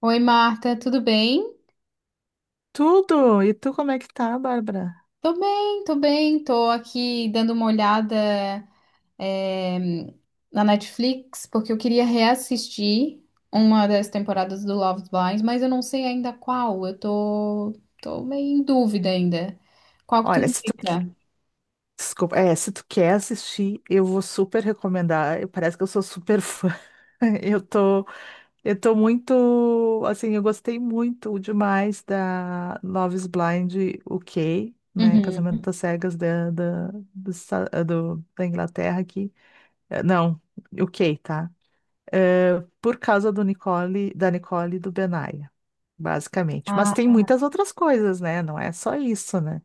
Oi, Marta, tudo bem? Tudo! E tu, como é que tá, Bárbara? Tô bem, tô bem. Tô aqui dando uma olhada, é, na Netflix, porque eu queria reassistir uma das temporadas do Love is Blind, mas eu não sei ainda qual. Tô meio em dúvida ainda. Qual que tu Olha, se tu, que- indica? desculpa, se tu quer assistir, eu vou super recomendar. Parece que eu sou super fã. Eu tô, eu tô muito, assim, eu gostei muito demais da Love is Blind UK, né? Uhum. Casamento às Cegas da da Inglaterra aqui. Não, UK, tá? Por causa do Nicole, da Nicole e do Benaya. Basicamente. Mas Ah, tem muitas outras coisas, né? Não é só isso, né?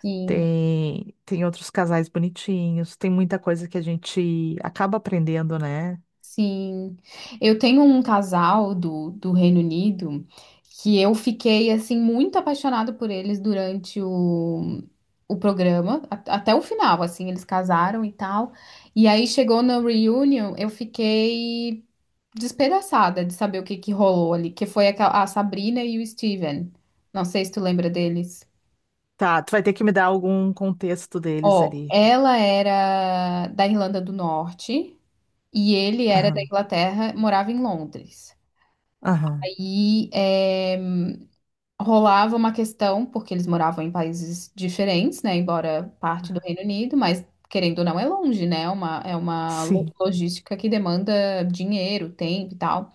sim. Tem outros casais bonitinhos, tem muita coisa que a gente acaba aprendendo, né? Sim, eu tenho um casal do Reino Unido que eu fiquei assim muito apaixonada por eles durante o programa, até o final, assim, eles casaram e tal. E aí chegou na reunion, eu fiquei despedaçada de saber o que que rolou ali, que foi a Sabrina e o Steven. Não sei se tu lembra deles. Tá, tu vai ter que me dar algum contexto deles Ó, ali. ela era da Irlanda do Norte e ele era da Aham, Inglaterra, morava em Londres. aham. E é, rolava uma questão, porque eles moravam em países diferentes, né? Embora parte do Reino Unido, mas querendo ou não é longe, né? É uma Sim. logística que demanda dinheiro, tempo e tal.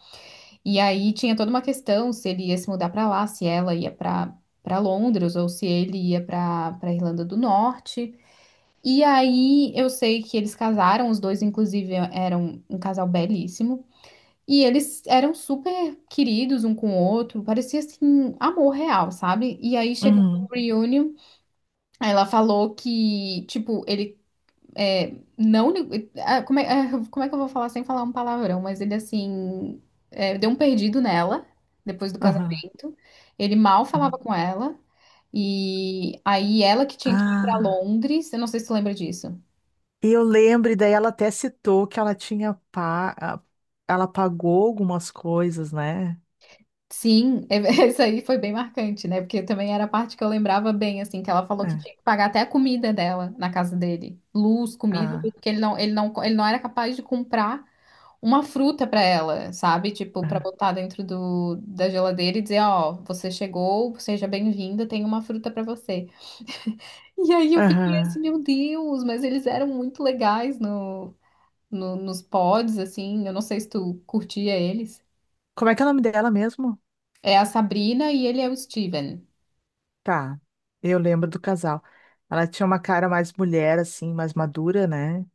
E aí tinha toda uma questão se ele ia se mudar para lá, se ela ia para Londres ou se ele ia para Irlanda do Norte. E aí eu sei que eles casaram, os dois inclusive eram um casal belíssimo. E eles eram super queridos um com o outro, parecia assim, amor real, sabe? E aí chegou no Uhum, reunion, ela falou que, tipo, ele é, não. Como é, ah, como é que eu vou falar sem falar um palavrão? Mas ele, assim, é, deu um perdido nela, depois do aham, casamento. Ele mal falava aham. com ela, e aí ela que tinha que ir pra Ah, Londres, eu não sei se tu lembra disso. e eu lembro, e daí ela até citou que ela tinha pa... a- ela pagou algumas coisas, né? Sim, é- isso aí foi bem marcante, né? Porque também era a parte que eu lembrava bem, assim, que ela falou que É. tinha que pagar até a comida dela na casa dele. Luz, comida, tudo, Ah, porque ele não era capaz de comprar uma fruta para ela, sabe? Tipo, para aham, botar dentro da geladeira e dizer, ó, você chegou, seja bem-vinda, tem uma fruta para você. E aí eu fiquei assim, aham. meu Deus, mas eles eram muito legais no, no, nos pods, assim, eu não sei se tu curtia eles. Como é que é o nome dela mesmo? É a Sabrina e ele é o Steven. Tá, eu lembro do casal. Ela tinha uma cara mais mulher, assim, mais madura, né?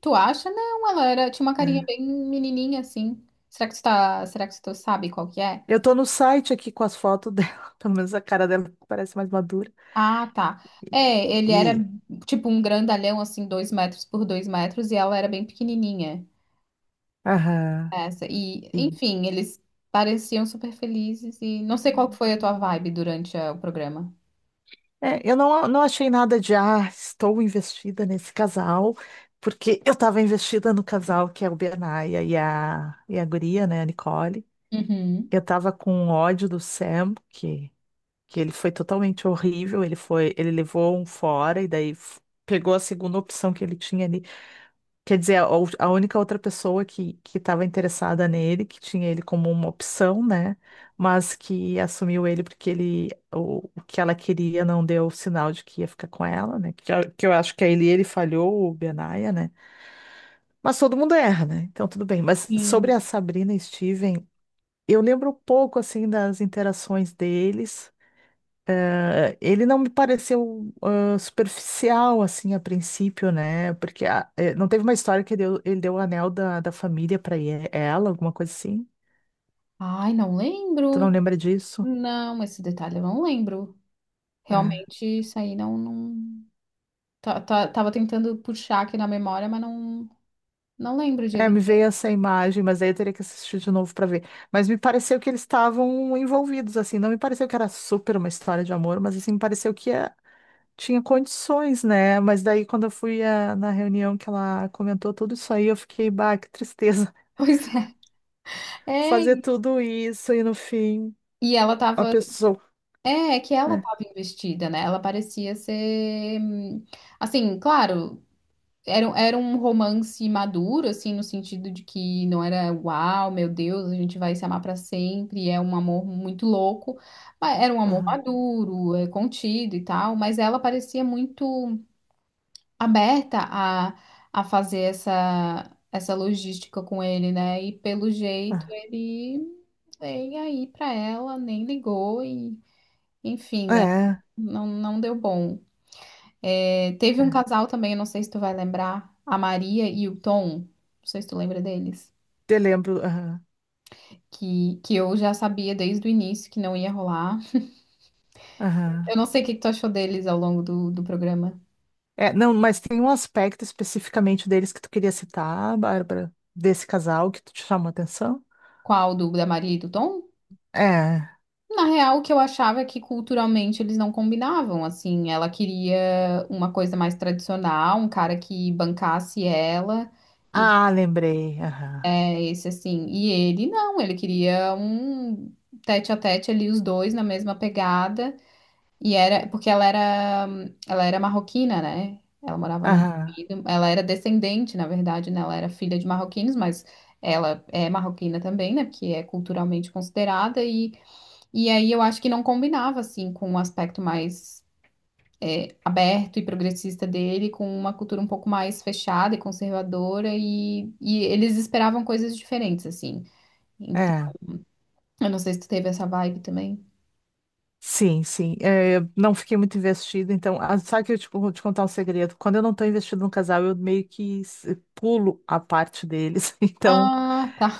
Tu acha? Não, ela era, tinha uma carinha É. bem menininha assim. Será que tu sabe qual que é? Eu tô no site aqui com as fotos dela, pelo menos a cara dela parece mais madura. Ah, tá. É, ele era E, tipo um grandalhão assim, dois metros por dois metros e ela era bem pequenininha. aham, Essa. E, e. enfim, eles pareciam super felizes e não sei qual que foi a tua vibe durante o programa. É, eu não, não achei nada de, ah, estou investida nesse casal, porque eu estava investida no casal que é o Bernaia e e a guria, né, a Nicole. Uhum. Eu estava com ódio do Sam, que ele foi totalmente horrível, ele levou um fora e daí pegou a segunda opção que ele tinha ali. Quer dizer, a única outra pessoa que estava interessada nele, que tinha ele como uma opção, né? Mas que assumiu ele porque ele o que ela queria não deu sinal de que ia ficar com ela, né? Que eu acho que é ele falhou, o Benaya, né? Mas todo mundo erra, né? Então tudo bem. Mas sobre Sim. a Sabrina e Steven, eu lembro um pouco assim das interações deles. Ele não me pareceu ah, superficial, assim, a princípio, né? Porque não teve uma história que ele deu o anel da família pra ela, alguma coisa assim? Ai, não Tu não lembro. lembra disso? Não, esse detalhe eu não lembro. É. Realmente, isso aí não, não... Tava tentando puxar aqui na memória, mas não. Não lembro de É, ele me ter. veio essa imagem, mas aí eu teria que assistir de novo pra ver. Mas me pareceu que eles estavam envolvidos, assim. Não me pareceu que era super uma história de amor, mas assim, me pareceu que tinha condições, né? Mas daí, quando eu fui ah, na reunião que ela comentou tudo isso aí, eu fiquei, bah, que tristeza. Pois é. Fazer É, tudo isso e no fim e ela a tava. pessoa. É, é que ela É, tava investida, né? Ela parecia ser. Assim, claro, era, era um romance maduro, assim, no sentido de que não era uau, meu Deus, a gente vai se amar pra sempre, é um amor muito louco. Mas era um amor aham, maduro, é, contido e tal, mas ela parecia muito aberta a fazer essa logística com ele, né? E pelo jeito aham. ele nem aí pra ela, nem ligou e enfim, né? É, Não, não deu bom. É, teve um é. casal também, eu não sei se tu vai lembrar, a Maria e o Tom, não sei se tu lembra deles. Te lembro, aham, Que eu já sabia desde o início que não ia rolar. Eu aham. não sei o que que tu achou deles ao longo do programa. É, não, mas tem um aspecto especificamente deles que tu queria citar, Bárbara, desse casal que tu te chamou a atenção? Qual? Do da Maria e do Tom? É. Na real, o que eu achava é que culturalmente eles não combinavam, assim, ela queria uma coisa mais tradicional, um cara que bancasse ela, e Ah, lembrei. Aham, é esse assim, e ele não, ele queria um tete a tete ali, os dois na mesma pegada, e era, porque ela era marroquina, né, ela morava no aham, Reino Unido, ela era descendente, na verdade, né, ela era filha de marroquinos, mas ela é marroquina também, né, porque é culturalmente considerada, e aí eu acho que não combinava, assim, com um aspecto mais aberto e progressista dele, com uma cultura um pouco mais fechada e conservadora, e eles esperavam coisas diferentes, assim. Então, é. eu não sei se tu teve essa vibe também. Sim, sim. É, eu não fiquei muito investida, então. Ah, sabe que vou te contar um segredo? Quando eu não estou investida no casal, eu meio que pulo a parte deles. Então, Ah, tá.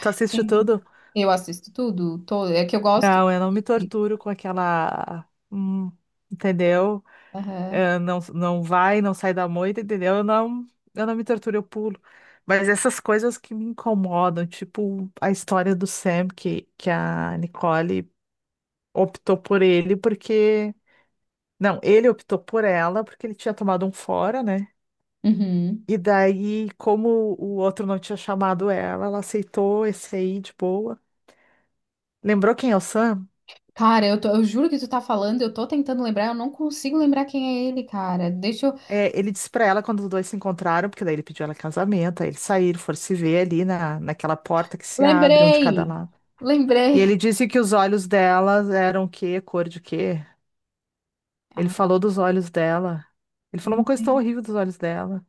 tu assiste Entendi. tudo? Eu assisto tudo, todo. É que eu gosto. Não, eu não me de- torturo com aquela. Entendeu? Aham. Não, não sai da moita, entendeu? Eu não me torturo, eu pulo. Mas essas coisas que me incomodam, tipo a história do Sam, que a Nicole optou por ele porque. Não, ele optou por ela porque ele tinha tomado um fora, né? Uhum. E daí, como o outro não tinha chamado ela, ela aceitou esse aí de boa. Lembrou quem é o Sam? Eu juro que tu tá falando, eu tô tentando lembrar, eu não consigo lembrar quem é ele, cara. Deixa eu. É, ele disse pra ela quando os dois se encontraram, porque daí ele pediu ela casamento, aí eles saíram, foram se ver ali naquela porta que se abre, um de cada Lembrei! lado. E Lembrei! ele disse que os olhos delas eram o quê? Cor de quê? Ele Ah, falou dos olhos dela. Ele falou uma não coisa tão lembro. horrível dos olhos dela.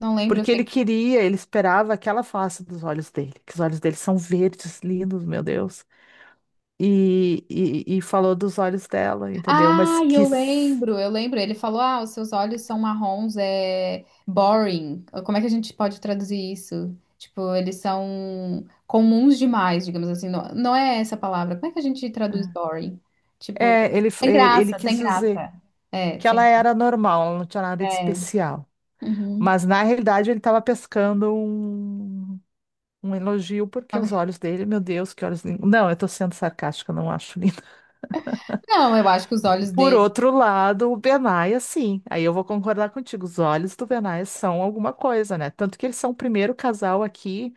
Não lembro, eu Porque sei. ele queria, ele esperava que ela falasse dos olhos dele, que os olhos dele são verdes, lindos, meu Deus. E falou dos olhos dela, entendeu? Ah, Mas eu quis. lembro, eu lembro. Ele falou: Ah, os seus olhos são marrons, é boring. Como é que a gente pode traduzir isso? Tipo, eles são comuns demais, digamos assim. Não, não é essa a palavra. Como é que a gente traduz boring? Tipo, É, ele, sem ele, ele graça, sem quis dizer graça. É, que sem. ela era normal, ela não tinha nada de É. especial. Uhum. Mas na realidade ele estava pescando um elogio, porque os olhos dele, meu Deus, que olhos lindos. Não, eu estou sendo sarcástica, não acho lindo. Não, eu acho que os olhos Por dele. outro lado, o Benai, sim. Aí eu vou concordar contigo. Os olhos do Benai são alguma coisa, né? Tanto que eles são o primeiro casal aqui.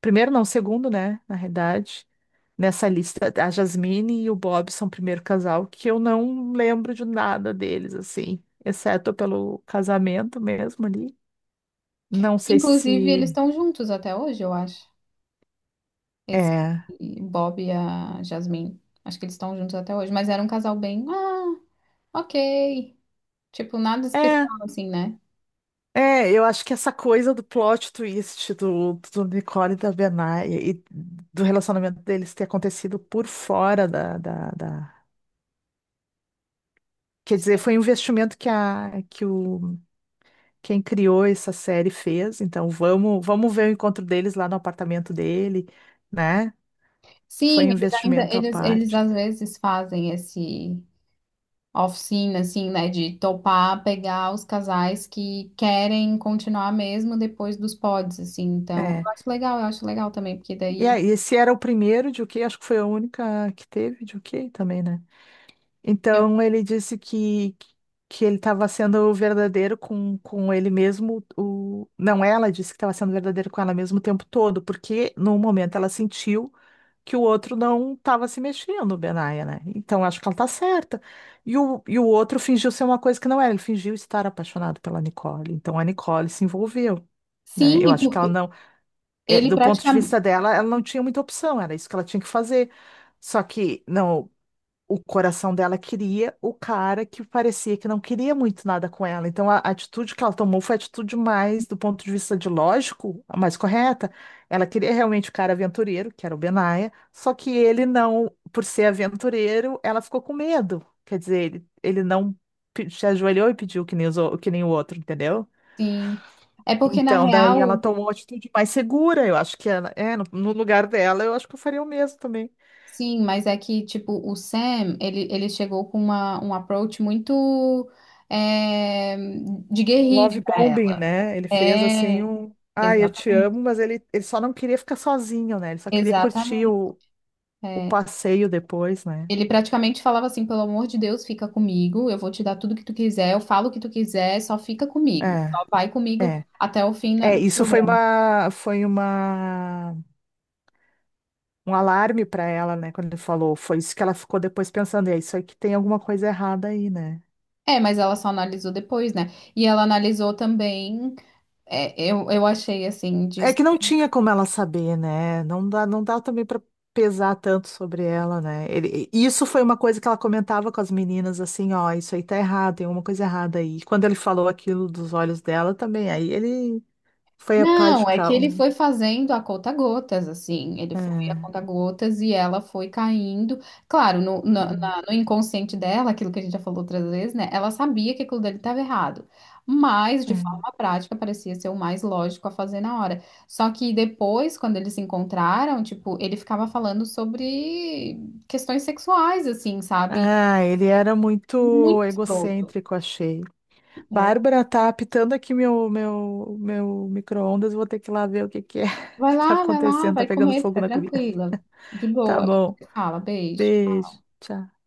Primeiro, não, segundo, né? Na realidade. Nessa lista, a Jasmine e o Bob são o primeiro casal que eu não lembro de nada deles, assim, exceto pelo casamento mesmo ali. Não sei Inclusive, se eles estão juntos até hoje, eu acho. Esse é. Bob e a Jasmine. Acho que eles estão juntos até hoje. Mas era um casal bem. Ah, ok. Tipo, nada É, especial assim, né? é, eu acho que essa coisa do plot twist do Nicole e da Benai e do relacionamento deles ter acontecido por fora Quer dizer, foi um investimento quem criou essa série fez. Então, vamos ver o encontro deles lá no apartamento dele, né? Foi Sim, um investimento à eles parte. às vezes fazem esse oficina, assim, né? De topar, pegar os casais que querem continuar mesmo depois dos pods, assim. Então, É. Eu acho legal também, porque E daí aí, esse era o primeiro de o quê? Acho que foi a única que teve de o quê também, né? eu... Então ele disse que, que ele estava sendo verdadeiro com ele mesmo. O... Não, ela disse que estava sendo verdadeiro com ela mesmo o tempo todo, porque no momento ela sentiu que o outro não estava se mexendo, Benaya, né? Então acho que ela tá certa. E o outro fingiu ser uma coisa que não era, ele fingiu estar apaixonado pela Nicole. Então a Nicole se envolveu. Né? Eu Sim, acho que ela porque não, É, ele do ponto de praticamente. vista dela, ela não tinha muita opção, era isso que ela tinha que fazer. Só que não, o coração dela queria o cara que parecia que não queria muito nada com ela. Então, a atitude que ela tomou foi a atitude mais, do ponto de vista de lógico, a mais correta. Ela queria realmente o cara aventureiro, que era o Benaya, só que ele não, por ser aventureiro, ela ficou com medo. Quer dizer, ele não se ajoelhou e pediu que nem, que nem o outro, entendeu? Sim. É porque na Então, daí ela real, tomou uma atitude mais segura. Eu acho que no lugar dela, eu acho que eu faria o mesmo também. sim, mas é que, tipo, o Sam, ele chegou com uma, um approach muito é, de guerrilha Love pra bombing, ela. né? Ele fez assim É. um. Ai, eu te Exatamente, amo, mas ele só não queria ficar sozinho, né? Ele só queria curtir exatamente. O É, passeio depois, né? ele praticamente falava assim, pelo amor de Deus, fica comigo, eu vou te dar tudo que tu quiser, eu falo o que tu quiser, só fica comigo, É, só vai comigo é. até o fim É, no programa. Um alarme para ela, né? Quando ele falou, foi isso que ela ficou depois pensando, é isso aí que tem alguma coisa errada aí, né? É, mas ela só analisou depois, né? E ela analisou também, eu achei assim, de. É que não tinha como ela saber, né? Não dá também para pesar tanto sobre ela, né? Isso foi uma coisa que ela comentava com as meninas, assim, ó, isso aí tá errado, tem alguma coisa errada aí. E quando ele falou aquilo dos olhos dela também, aí ele foi a pá de Não, é que cal, ele né? foi fazendo a conta-gotas, assim. Ele foi a É, conta-gotas e ela foi caindo. Claro, no inconsciente dela, aquilo que a gente já falou outras vezes, né? Ela sabia que aquilo dele estava errado. Mas, é, de é. forma prática, parecia ser o mais lógico a fazer na hora. Só que depois, quando eles se encontraram, tipo, ele ficava falando sobre questões sexuais, assim, sabe? Ah, ele era muito Muito escroto, egocêntrico, achei. né? Bárbara, tá apitando aqui meu micro-ondas, vou ter que ir lá ver o que que é Vai que tá lá, vai lá, acontecendo, tá vai pegando comer, fogo fica na comida. tranquila. De Tá boa. A gente bom. se fala, beijo. Beijo. Tchau.